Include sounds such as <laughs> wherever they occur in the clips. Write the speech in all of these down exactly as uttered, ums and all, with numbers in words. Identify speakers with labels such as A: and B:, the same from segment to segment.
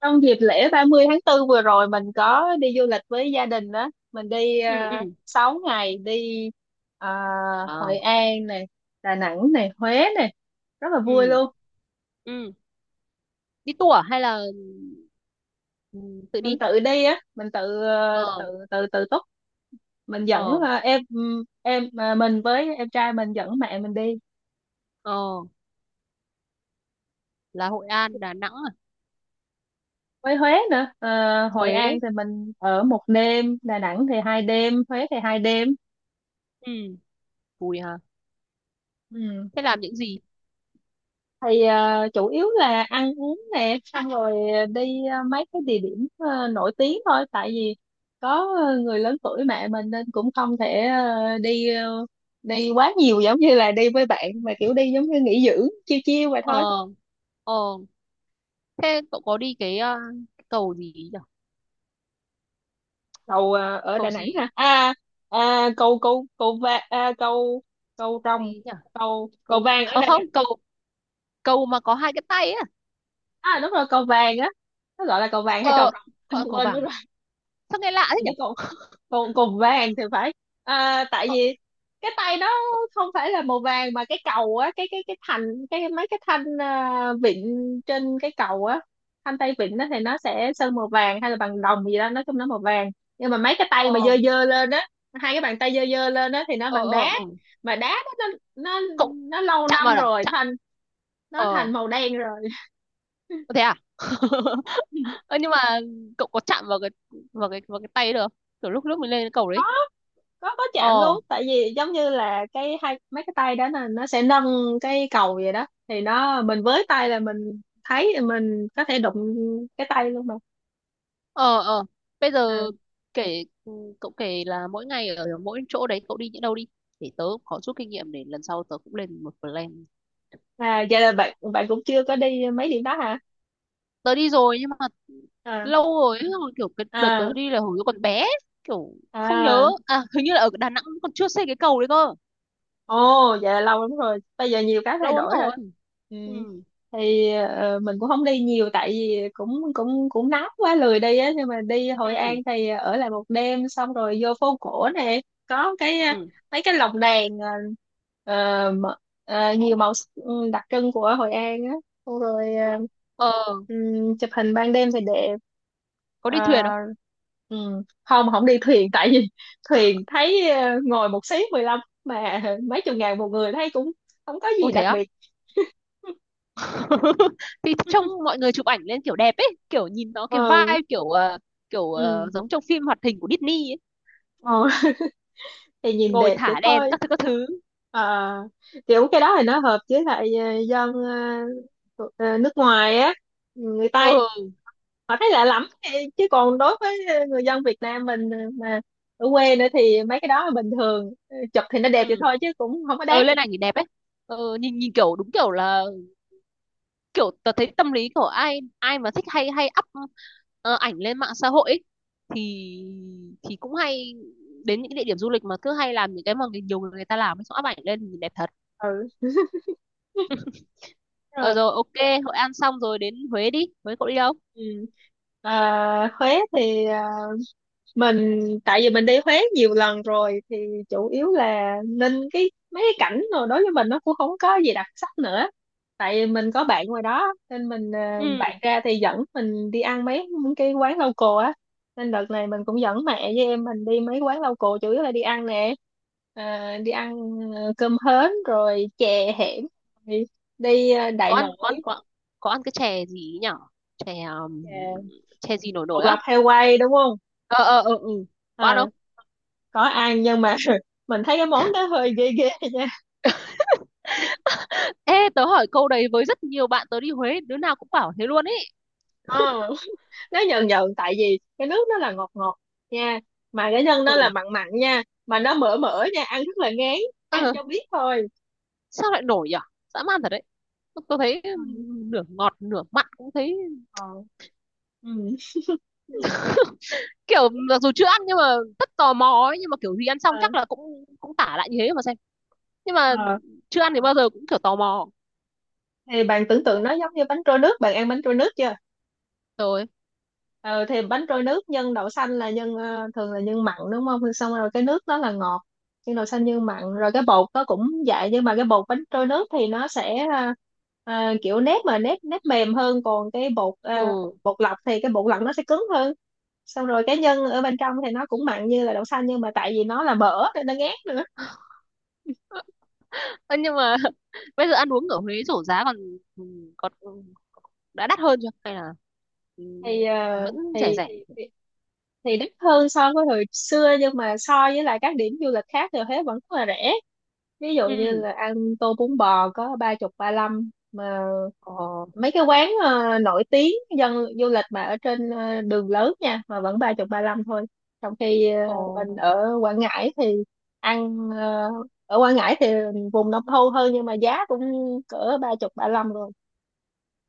A: Trong dịp lễ ba mươi tháng bốn vừa rồi mình có đi du lịch với gia đình đó. Mình đi
B: Ừ, ừ.
A: uh, sáu ngày đi ờ,
B: Ờ.
A: Hội An này, Đà Nẵng này, Huế này. Rất là vui
B: Ừ,
A: luôn.
B: ừ. Đi tour à? Hay là ừ, tự đi.
A: Mình tự đi á, mình tự ờ, tự
B: Ờ,
A: tự tự túc. Mình dẫn
B: ờ,
A: ờ, em em mà mình với em trai mình dẫn mẹ mình đi.
B: ờ. Là Hội An Đà Nẵng à?
A: Với Huế nữa, Ờ, Hội
B: Huế?
A: An thì mình ở một đêm, Đà Nẵng thì hai đêm, Huế thì hai đêm.
B: Ừ. Vui hả?
A: Ừ.
B: Thế làm những gì?
A: Thì ờ, chủ yếu là ăn uống nè, xong rồi đi ờ, mấy cái địa điểm ờ, nổi tiếng thôi, tại vì có ờ, người lớn tuổi mẹ mình nên cũng không thể ờ, đi ờ, đi quá nhiều, giống như là đi với bạn mà kiểu đi giống như nghỉ dưỡng chiêu chiêu vậy thôi.
B: Ờ, ờ. Thế cậu có đi cái ờ, cái cầu gì nhỉ?
A: Cầu ờ, ở Đà
B: Cầu
A: Nẵng
B: gì?
A: hả? À, à cầu cầu cầu va à, cầu Cầu rồng?
B: Gì nhỉ?
A: Cầu cầu
B: Cầu,
A: vàng ở
B: không
A: Đà Nẵng?
B: không, cầu, cầu mà có hai cái tay ấy à?
A: À đúng rồi, cầu vàng á. Nó gọi là cầu vàng hay cầu
B: ờ Gọi là
A: rồng? <laughs>
B: cầu
A: Quên mất
B: vàng à?
A: rồi.
B: Sao nghe lạ thế
A: Mình biết
B: nhỉ?
A: cầu cùng cùng vàng thì phải. À, tại
B: Ờ,
A: vì cái tay nó
B: ờ,
A: không phải là màu vàng, mà cái cầu á, cái cái cái thành, cái mấy cái thanh à, vịn trên cái cầu á, thanh tay vịn đó thì nó sẽ sơn màu vàng hay là bằng đồng gì đó, nói chung nó màu vàng. Nhưng mà mấy cái tay mà
B: ờ,
A: dơ dơ lên á, hai cái bàn tay dơ dơ lên á thì nó
B: ờ,
A: bằng
B: ờ,
A: đá,
B: ờ.
A: mà đá đó nó nó
B: Cậu
A: nó lâu
B: chạm vào
A: năm
B: à?
A: rồi
B: Chạm.
A: thành, nó
B: ờ
A: thành màu đen rồi.
B: Thế à? <laughs>
A: <laughs>
B: Ơ nhưng mà cậu có chạm vào cái vào cái vào cái tay được không? Kiểu lúc lúc mình lên cái cầu đấy.
A: có có chạm
B: Ờ,
A: luôn, tại vì giống như là cái hai mấy cái tay đó là nó sẽ nâng cái cầu vậy đó, thì nó mình với tay là mình thấy thì mình có thể đụng cái tay luôn mà.
B: ờ, ờ. Bây
A: À.
B: giờ kể ừ, cậu kể là mỗi ngày ở mỗi chỗ đấy cậu đi những đâu, đi để tớ cũng có chút kinh nghiệm để lần sau tớ cũng lên một plan.
A: à vậy là bạn bạn cũng chưa có đi mấy điểm đó hả?
B: Tớ đi rồi nhưng mà
A: À.
B: lâu rồi ấy, xong rồi kiểu cái đợt
A: À.
B: tớ đi là hồi tớ còn bé, kiểu không
A: À.
B: nhớ. À, hình như là ở Đà Nẵng còn chưa xây cái cầu đấy cơ.
A: Ồ, vậy là lâu lắm rồi. Bây giờ nhiều cái thay
B: Lâu lắm
A: đổi rồi.
B: rồi.
A: Ừ.
B: Ừ,
A: Thì ờ, mình cũng không đi nhiều tại vì cũng cũng cũng nóng quá lười đi á, nhưng mà đi Hội An
B: ừ,
A: thì ở lại một đêm, xong rồi vô phố cổ nè, có cái ờ,
B: ừ.
A: mấy cái lồng đèn, ờ, ờ, mà- ờ, nhiều màu sắc, ừ, đặc trưng của Hội An á, xong rồi, ờ,
B: Ờ,
A: ừm, chụp hình ban đêm thì đẹp.
B: có đi thuyền
A: Ờ,
B: không?
A: ừm, không không đi thuyền, tại vì <laughs> thuyền thấy ờ, ngồi một xí mười lăm mà <laughs> mấy chục ngàn một người thấy cũng không có gì
B: Ui thế
A: đặc
B: á?
A: biệt. <laughs>
B: <laughs> Thì trông mọi người chụp ảnh lên kiểu đẹp ấy, kiểu nhìn nó cái
A: Ừ,
B: vibe kiểu ờ, kiểu ờ,
A: ừ.
B: giống trong phim hoạt hình của Disney ấy.
A: Ờ. <laughs> Thì nhìn
B: Ngồi
A: đẹp vậy
B: thả đèn
A: thôi.
B: các thứ các thứ.
A: À, kiểu cái đó thì nó hợp với lại ờ, dân ờ, ờ, nước ngoài á, người Tây,
B: Ừ,
A: họ thấy lạ lắm thì- chứ còn đối với người dân Việt Nam mình, ờ, mà ở quê nữa thì mấy cái đó là bình thường. Ừ, chụp thì nó đẹp vậy
B: ừ,
A: thôi chứ cũng không có
B: ừ
A: đáng.
B: lên ảnh thì đẹp ấy. Ừ, nhìn nhìn kiểu đúng kiểu là kiểu tớ thấy tâm lý của ai ai mà thích hay hay up ờ, ảnh lên mạng xã hội ấy, thì thì cũng hay đến những cái địa điểm du lịch mà cứ hay làm những cái mà người- nhiều người người ta làm ấy, xong up ảnh lên thì nhìn đẹp thật.
A: Ừ đúng
B: ờ
A: rồi.
B: Rồi, ok. Hội An xong rồi đến Huế. Đi Huế cậu đi đâu?
A: Ừ. À, Huế thì ờ, mình, tại vì mình đi Huế nhiều lần rồi thì chủ yếu là nên cái mấy cái cảnh rồi đối với mình nó cũng không có gì đặc sắc nữa, tại vì mình có bạn ngoài đó nên mình, ờ,
B: Ừ.
A: bạn ra thì dẫn mình đi ăn mấy cái quán local á, nên đợt này mình cũng dẫn mẹ với em mình đi mấy quán local, chủ yếu là đi ăn nè. Ờ, đi ăn ờ, cơm hến rồi chè hẻm, rồi đi ờ,
B: Có
A: Đại
B: ăn, có
A: Nội.
B: ăn, có. Có ăn cái chè gì ấy nhở? Chè um,
A: Chè
B: chè gì nổi
A: bột
B: nổi á?
A: lọc heo quay đúng không?
B: Ờ, ờ, ờ, ừ. Có ăn
A: À,
B: không?
A: có ăn, nhưng mà <laughs> mình thấy cái món đó hơi ghê ghê nha.
B: Ê tớ hỏi câu đấy với rất nhiều bạn, tớ đi Huế đứa nào cũng bảo thế luôn ấy.
A: Ờ. <laughs> Nó nhờn nhờn, tại vì cái nước nó là ngọt ngọt nha, mà cái nhân nó là
B: Ừ.
A: mặn mặn nha, mà nó mỡ mỡ nha, ăn rất là ngán. Ăn
B: Ờ,
A: cho biết thôi.
B: sao lại nổi nhở? Dã man thật đấy. Tớ thấy
A: Ừ.
B: nửa ngọt nửa mặn cũng thấy
A: Ờ. Ừ.
B: kiểu mặc
A: <laughs>
B: dù chưa ăn nhưng mà rất tò mò ấy, nhưng mà kiểu gì ăn xong
A: Ờ.
B: chắc là cũng cũng tả lại như thế mà xem. Nhưng mà
A: Ờ.
B: chưa ăn thì bao giờ cũng kiểu tò mò.
A: Thì bạn tưởng tượng nó giống như bánh trôi nước, bạn ăn bánh trôi nước chưa?
B: Rồi,
A: Ừ, thì bánh trôi nước nhân đậu xanh là nhân, ờ, thường là nhân mặn đúng không? Rồi xong rồi cái nước đó là ngọt, nhân đậu xanh nhân mặn rồi cái bột nó cũng vậy, nhưng mà cái bột bánh trôi nước thì nó sẽ, ờ, ờ, kiểu nếp, mà nếp nếp mềm hơn, còn cái bột, ờ,
B: ừ.
A: bột lọc thì cái bột lọc nó sẽ cứng hơn, xong rồi cái nhân ở bên trong thì nó cũng mặn như là đậu xanh, nhưng mà tại vì nó là mỡ nên nó ngát nữa.
B: Ơ, nhưng mà <laughs> bây giờ ăn uống ở Huế rổ giá còn còn đã đắt hơn chưa hay là ừ,
A: thì ờ,
B: vẫn rẻ
A: thì,
B: rẻ?
A: thì thì thì đắt hơn so với hồi xưa, nhưng mà so với lại các điểm du lịch khác thì Huế vẫn rất là rẻ, ví dụ như
B: Ừ.
A: là ăn tô bún bò có ba chục ba lăm mà,
B: Ờ,
A: mấy cái quán ờ, nổi tiếng, dân du lịch, mà ở trên ờ, đường lớn nha, mà vẫn ba chục ba lăm thôi, trong khi ờ,
B: ờ,
A: mình ở Quảng Ngãi thì ăn, ờ, ở Quảng Ngãi thì vùng nông thôn hơn, nhưng mà giá cũng cỡ ba chục ba lăm rồi.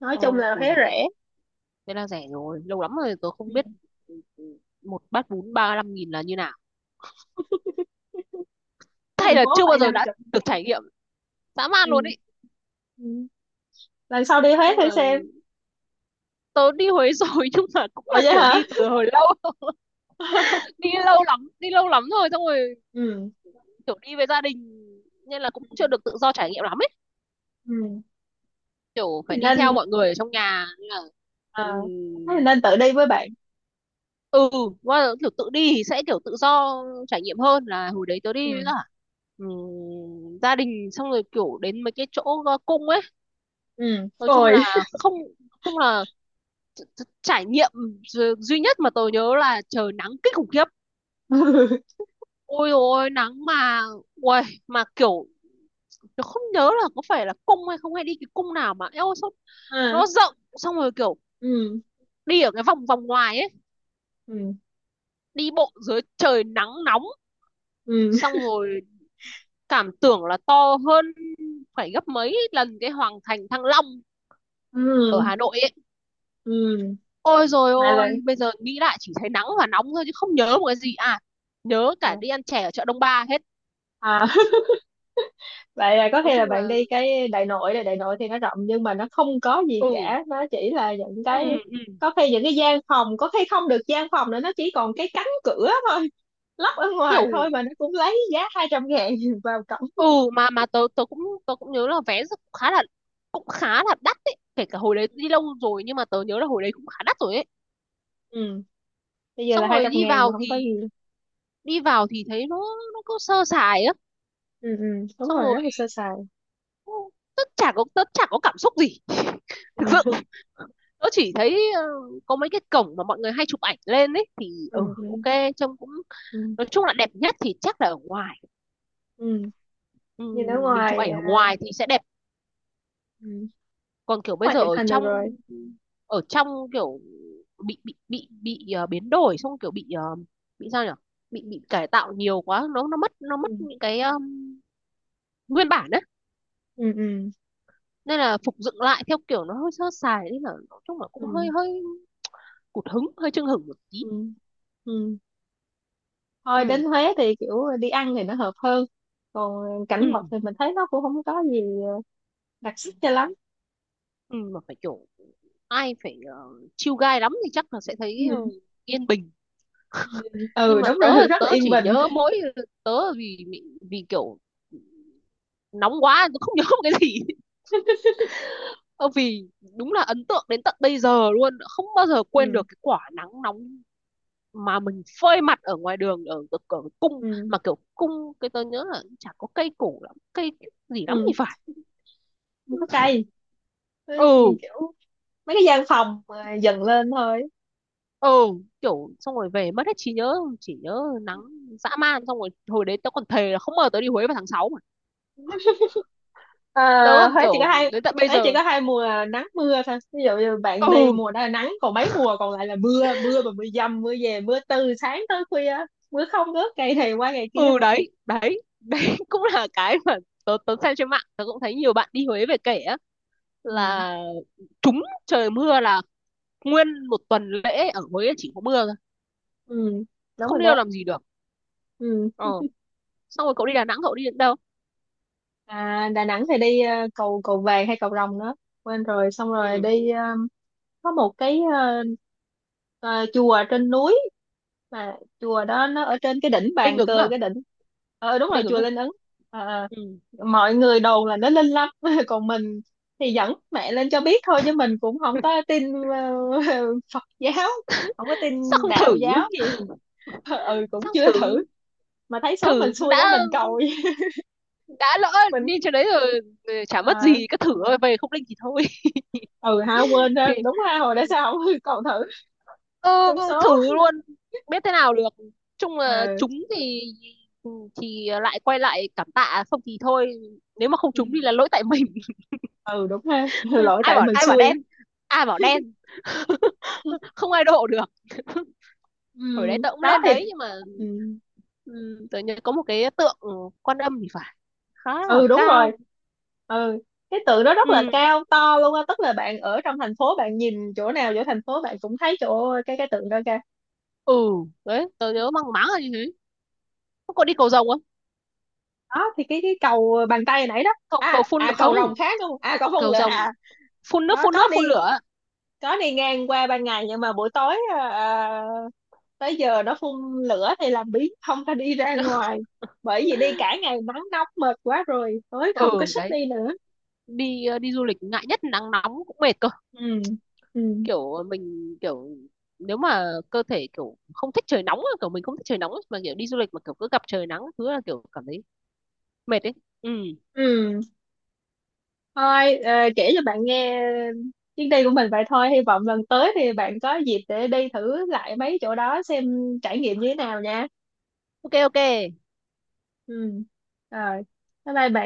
A: Nói chung
B: ờ.
A: là
B: Ui
A: Huế
B: dồi,
A: rẻ.
B: thế là rẻ rồi, lâu lắm rồi tôi không
A: Ừ.
B: biết. Ừ, ừ, một bát bún ba lăm nghìn là như nào?
A: Ở
B: <laughs> Hay
A: thành
B: là
A: phố
B: chưa bao
A: phải năm.
B: giờ đã được trải nghiệm? Dã man luôn
A: Ừ.
B: ý.
A: Ừ. Lần sau đi Huế
B: Chung
A: thử
B: là
A: xem.
B: tớ đi Huế rồi <laughs> nhưng mà cũng
A: Ủa
B: là
A: vậy
B: kiểu
A: hả?
B: đi từ hồi lâu. <laughs>
A: <laughs>
B: Đi lâu lắm đi lâu lắm rồi, xong rồi
A: Ừ.
B: kiểu đi với gia đình nên là cũng chưa
A: Ừ.
B: được tự do trải nghiệm lắm ấy,
A: Ừ.
B: kiểu phải
A: Thì
B: đi theo
A: nên,
B: mọi người ở trong nhà nên là
A: ờ,
B: ừm,
A: thế thì nên tự đi với bạn.
B: ừ. Qua kiểu tự đi thì sẽ kiểu tự do trải nghiệm hơn là hồi đấy tớ đi với
A: Ừ.
B: cả ừm, gia đình, xong rồi kiểu đến mấy cái chỗ ờ, cung ấy.
A: Ừ.
B: Nói chung
A: Ôi.
B: là không, nói chung là tr- tr- trải nghiệm du- duy nhất mà tớ nhớ là trời nắng kinh khủng khiếp.
A: <laughs>
B: Ôi, ôi nắng mà uầy, mà kiểu tớ không nhớ là có phải là cung hay không, hay đi cái cung nào mà eo sao nó
A: Ừ,
B: rộng, xong rồi kiểu
A: ừ.
B: đi ở cái vòng vòng ngoài ấy,
A: Ừ.
B: đi bộ dưới trời nắng nóng,
A: Ừ.
B: xong rồi cảm tưởng là to hơn phải gấp mấy lần cái Hoàng Thành Thăng Long ở
A: Ừ.
B: Hà Nội ấy.
A: Ừ.
B: Ôi rồi
A: Mà là,
B: ôi, bây giờ nghĩ lại chỉ thấy nắng và nóng thôi chứ không nhớ một cái gì à. Nhớ
A: à.
B: cả đi ăn chè ở chợ Đông Ba hết.
A: À. <laughs> Vậy là có
B: Nói
A: thể là
B: chung
A: bạn
B: là.
A: đi cái đại nội này, đại nội thì nó rộng nhưng mà nó không có gì
B: Ừ,
A: cả, nó chỉ là những
B: ừ,
A: cái,
B: ừ, ừ.
A: có khi những cái gian phòng có khi không được gian phòng nữa, nó chỉ còn cái cánh cửa thôi, lắp ở ngoài
B: Kiểu
A: thôi, mà nó cũng lấy giá hai trăm ngàn <laughs> vào
B: ừ,
A: cổng.
B: mà mà tớ tớ cũng, tớ cũng nhớ là vé rất- khá là, cũng khá là đắt ấy. Kể cả hồi đấy đi lâu rồi nhưng mà tớ nhớ là hồi đấy cũng khá đắt rồi ấy.
A: Ừ. Bây giờ
B: Xong
A: là hai
B: rồi
A: trăm
B: đi
A: ngàn mà
B: vào
A: không có
B: thì
A: gì.
B: đi vào thì thấy nó nó cứ sơ sài á.
A: Ừ, ừ, đúng
B: Xong
A: rồi, rất
B: rồi
A: là sơ sài.
B: cũng- tớ chả có tớ chả có cảm xúc gì thực
A: Ừ.
B: sự.
A: <laughs>
B: Tôi chỉ thấy ờ, có mấy cái cổng mà mọi người hay chụp ảnh lên ấy thì ừ,
A: Ừ. Ừ.
B: ok, trông cũng,
A: Ừ.
B: nói chung là đẹp nhất thì chắc là ở ngoài.
A: Ừ.
B: Ừ,
A: Nhìn ở
B: mình chụp
A: ngoài
B: ảnh ở
A: à.
B: ngoài thì sẽ đẹp,
A: Ừ.
B: còn kiểu bây
A: Ngoài
B: giờ
A: chụp
B: ở
A: hình được rồi.
B: trong, ở trong kiểu bị bị bị bị ờ, biến đổi, xong kiểu bị ờ, bị sao nhỉ, bị bị cải tạo nhiều quá, nó nó mất nó
A: Ừ.
B: mất những cái ờ, nguyên bản đấy,
A: Ừ. Ừ.
B: nên là phục dựng lại theo kiểu nó hơi sơ sài nên là nói chung là cũng hơi
A: Ừ.
B: hơi cụt hứng, hơi chưng hửng một tí.
A: Ừ. Ừ. Thôi, đến
B: Ừ,
A: Huế thì kiểu đi ăn thì nó hợp hơn, còn
B: ừ,
A: cảnh vật thì mình thấy nó cũng không có gì đặc sắc cho lắm.
B: ừ, mà phải kiểu ai phải ờ, chill guy lắm thì chắc là sẽ thấy ờ,
A: Ừ.
B: yên bình.
A: Ừ.
B: Nhưng
A: Ừ
B: mà
A: đúng
B: tớ
A: rồi <laughs> rất
B: tớ
A: là yên
B: chỉ
A: bình.
B: nhớ mỗi tớ, vì vì vì kiểu nóng quá tớ không <laughs> nhớ một cái gì. <laughs> Ờ, vì đúng là ấn tượng đến tận bây giờ luôn, không bao giờ quên
A: Ừ.
B: được cái quả nắng nóng mà mình phơi mặt ở ngoài đường ở, ở, ở cung,
A: Ừ.
B: mà kiểu cung cái tớ nhớ là chả có cây cổ lắm, cây gì lắm thì
A: Ừ.
B: phải.
A: Không có cây. Ừ,
B: Ừ,
A: nhìn kiểu mấy cái gian phòng mà dần lên thôi.
B: ừ, kiểu xong rồi về mất hết trí nhớ chỉ nhớ nắng dã man. Xong rồi hồi đấy tớ còn thề là không ngờ tớ đi Huế vào tháng sáu mà, tớ
A: À,
B: còn
A: Huế chỉ có
B: kiểu
A: hai
B: đến tận bây
A: Huế chỉ
B: giờ.
A: có hai mùa nắng mưa thôi, ví dụ như bạn đi
B: Ừ,
A: mùa đó là nắng, còn mấy mùa còn lại là mưa, mưa mà mưa dầm mưa về mưa từ sáng tới khuya, mưa không ngớt ngày này qua ngày kia.
B: ừ, đấy đấy đấy. <laughs> Cũng là cái mà tớ tớ xem trên mạng tớ cũng thấy nhiều bạn đi Huế về kể á,
A: Ừ.
B: là trúng trời mưa là nguyên một tuần lễ ở Huế chỉ có mưa thôi,
A: Ừ. Đúng
B: không
A: rồi
B: đi đâu
A: đó.
B: làm gì được.
A: Ừ.
B: Ờ, xong rồi cậu đi Đà Nẵng cậu đi đến đâu?
A: À, Đà Nẵng thì đi ờ, cầu cầu vàng hay cầu rồng nữa, quên rồi, xong rồi
B: Ừ.
A: đi, ờ, có một cái, ờ, ờ, chùa ở trên núi, mà chùa đó nó ở trên cái đỉnh
B: Linh
A: bàn
B: Ứng
A: cờ,
B: à?
A: cái đỉnh. Ờ đúng rồi,
B: Linh Ứng
A: chùa
B: à?
A: Linh Ứng. Ờ, ờ.
B: Ừ.
A: Mọi người đồn là nó linh lắm <laughs> còn mình thì dẫn mẹ lên cho biết thôi, chứ mình cũng không
B: <laughs>
A: có tin, ờ, <laughs> Phật giáo, không có
B: Sao
A: tin
B: không
A: đạo
B: thử?
A: giáo gì. <laughs>
B: Sao
A: Ừ, cũng
B: không
A: chưa
B: thử?
A: thử. Mà thấy số mình
B: Thử
A: xui đó,
B: đã
A: mình cầu <laughs>
B: đã lỡ
A: mình,
B: đi chỗ đấy rồi, rồi chả mất
A: ờ,
B: gì cứ thử thôi, về không linh thì thôi.
A: ừ ha
B: <laughs>
A: quên ha,
B: Thì
A: đúng ha, hồi đó sao không <laughs> còn thử
B: ờ,
A: trúng số.
B: thử luôn, biết thế nào được. Chung là
A: Ừ.
B: trúng thì, ừ, thì lại quay lại cảm tạ, không thì thôi, nếu mà không
A: Ừ.
B: trúng thì là lỗi tại mình.
A: Ừ đúng ha, <laughs> lỗi
B: <laughs> Ai
A: tại
B: bảo,
A: mình
B: ai bảo
A: xui.
B: đen, ai bảo đen,
A: <laughs>
B: <laughs> không ai độ được. <laughs>
A: Ừ.
B: Hồi đấy tớ cũng
A: Đó
B: lên đấy
A: thì.
B: nhưng mà
A: Ừ.
B: ừ, tớ nhớ có một cái tượng Quan Âm thì phải, khá là
A: Ừ đúng
B: cao.
A: rồi. Ừ. Cái tượng đó rất là
B: Ừ,
A: cao to luôn á, tức là bạn ở trong thành phố bạn nhìn chỗ nào chỗ thành phố bạn cũng thấy chỗ cái cái tượng đó kìa.
B: ừ, đấy tớ nhớ mang máng là như thế. Có đi cầu rồng không?
A: Đó thì cái cái cầu bàn tay nãy đó.
B: Cầu, cầu
A: à
B: phun
A: à cầu
B: không?
A: Rồng khác đúng không? À, cầu Phong
B: Cầu
A: Lệ?
B: rồng
A: À
B: phun nước,
A: có
B: phun
A: có
B: nước phun
A: đi.
B: lửa.
A: Có đi ngang qua ban ngày, nhưng mà buổi tối, à, à, tới giờ nó phun lửa thì làm biếng không có đi ra ngoài, bởi vì đi cả ngày nắng nóng mệt quá rồi, tối không có
B: Ừ
A: sức
B: đấy,
A: đi nữa.
B: đi ờ, đi du lịch ngại nhất nắng nóng, cũng mệt cơ.
A: Ừ. Ừ.
B: Kiểu mình kiểu nếu mà cơ thể kiểu không thích trời nóng á, kiểu mình không thích trời nóng á, mà kiểu đi du lịch mà kiểu cứ gặp trời nắng thứ là kiểu cảm thấy mệt ấy. Ừ,
A: Ừ. Thôi, ờ, kể cho bạn nghe chuyến đi của mình vậy thôi, hy vọng lần tới thì bạn có dịp để đi thử lại mấy chỗ đó xem trải nghiệm như thế nào nha.
B: ok, ok.
A: Ừ. Rồi. Bye bye bạn.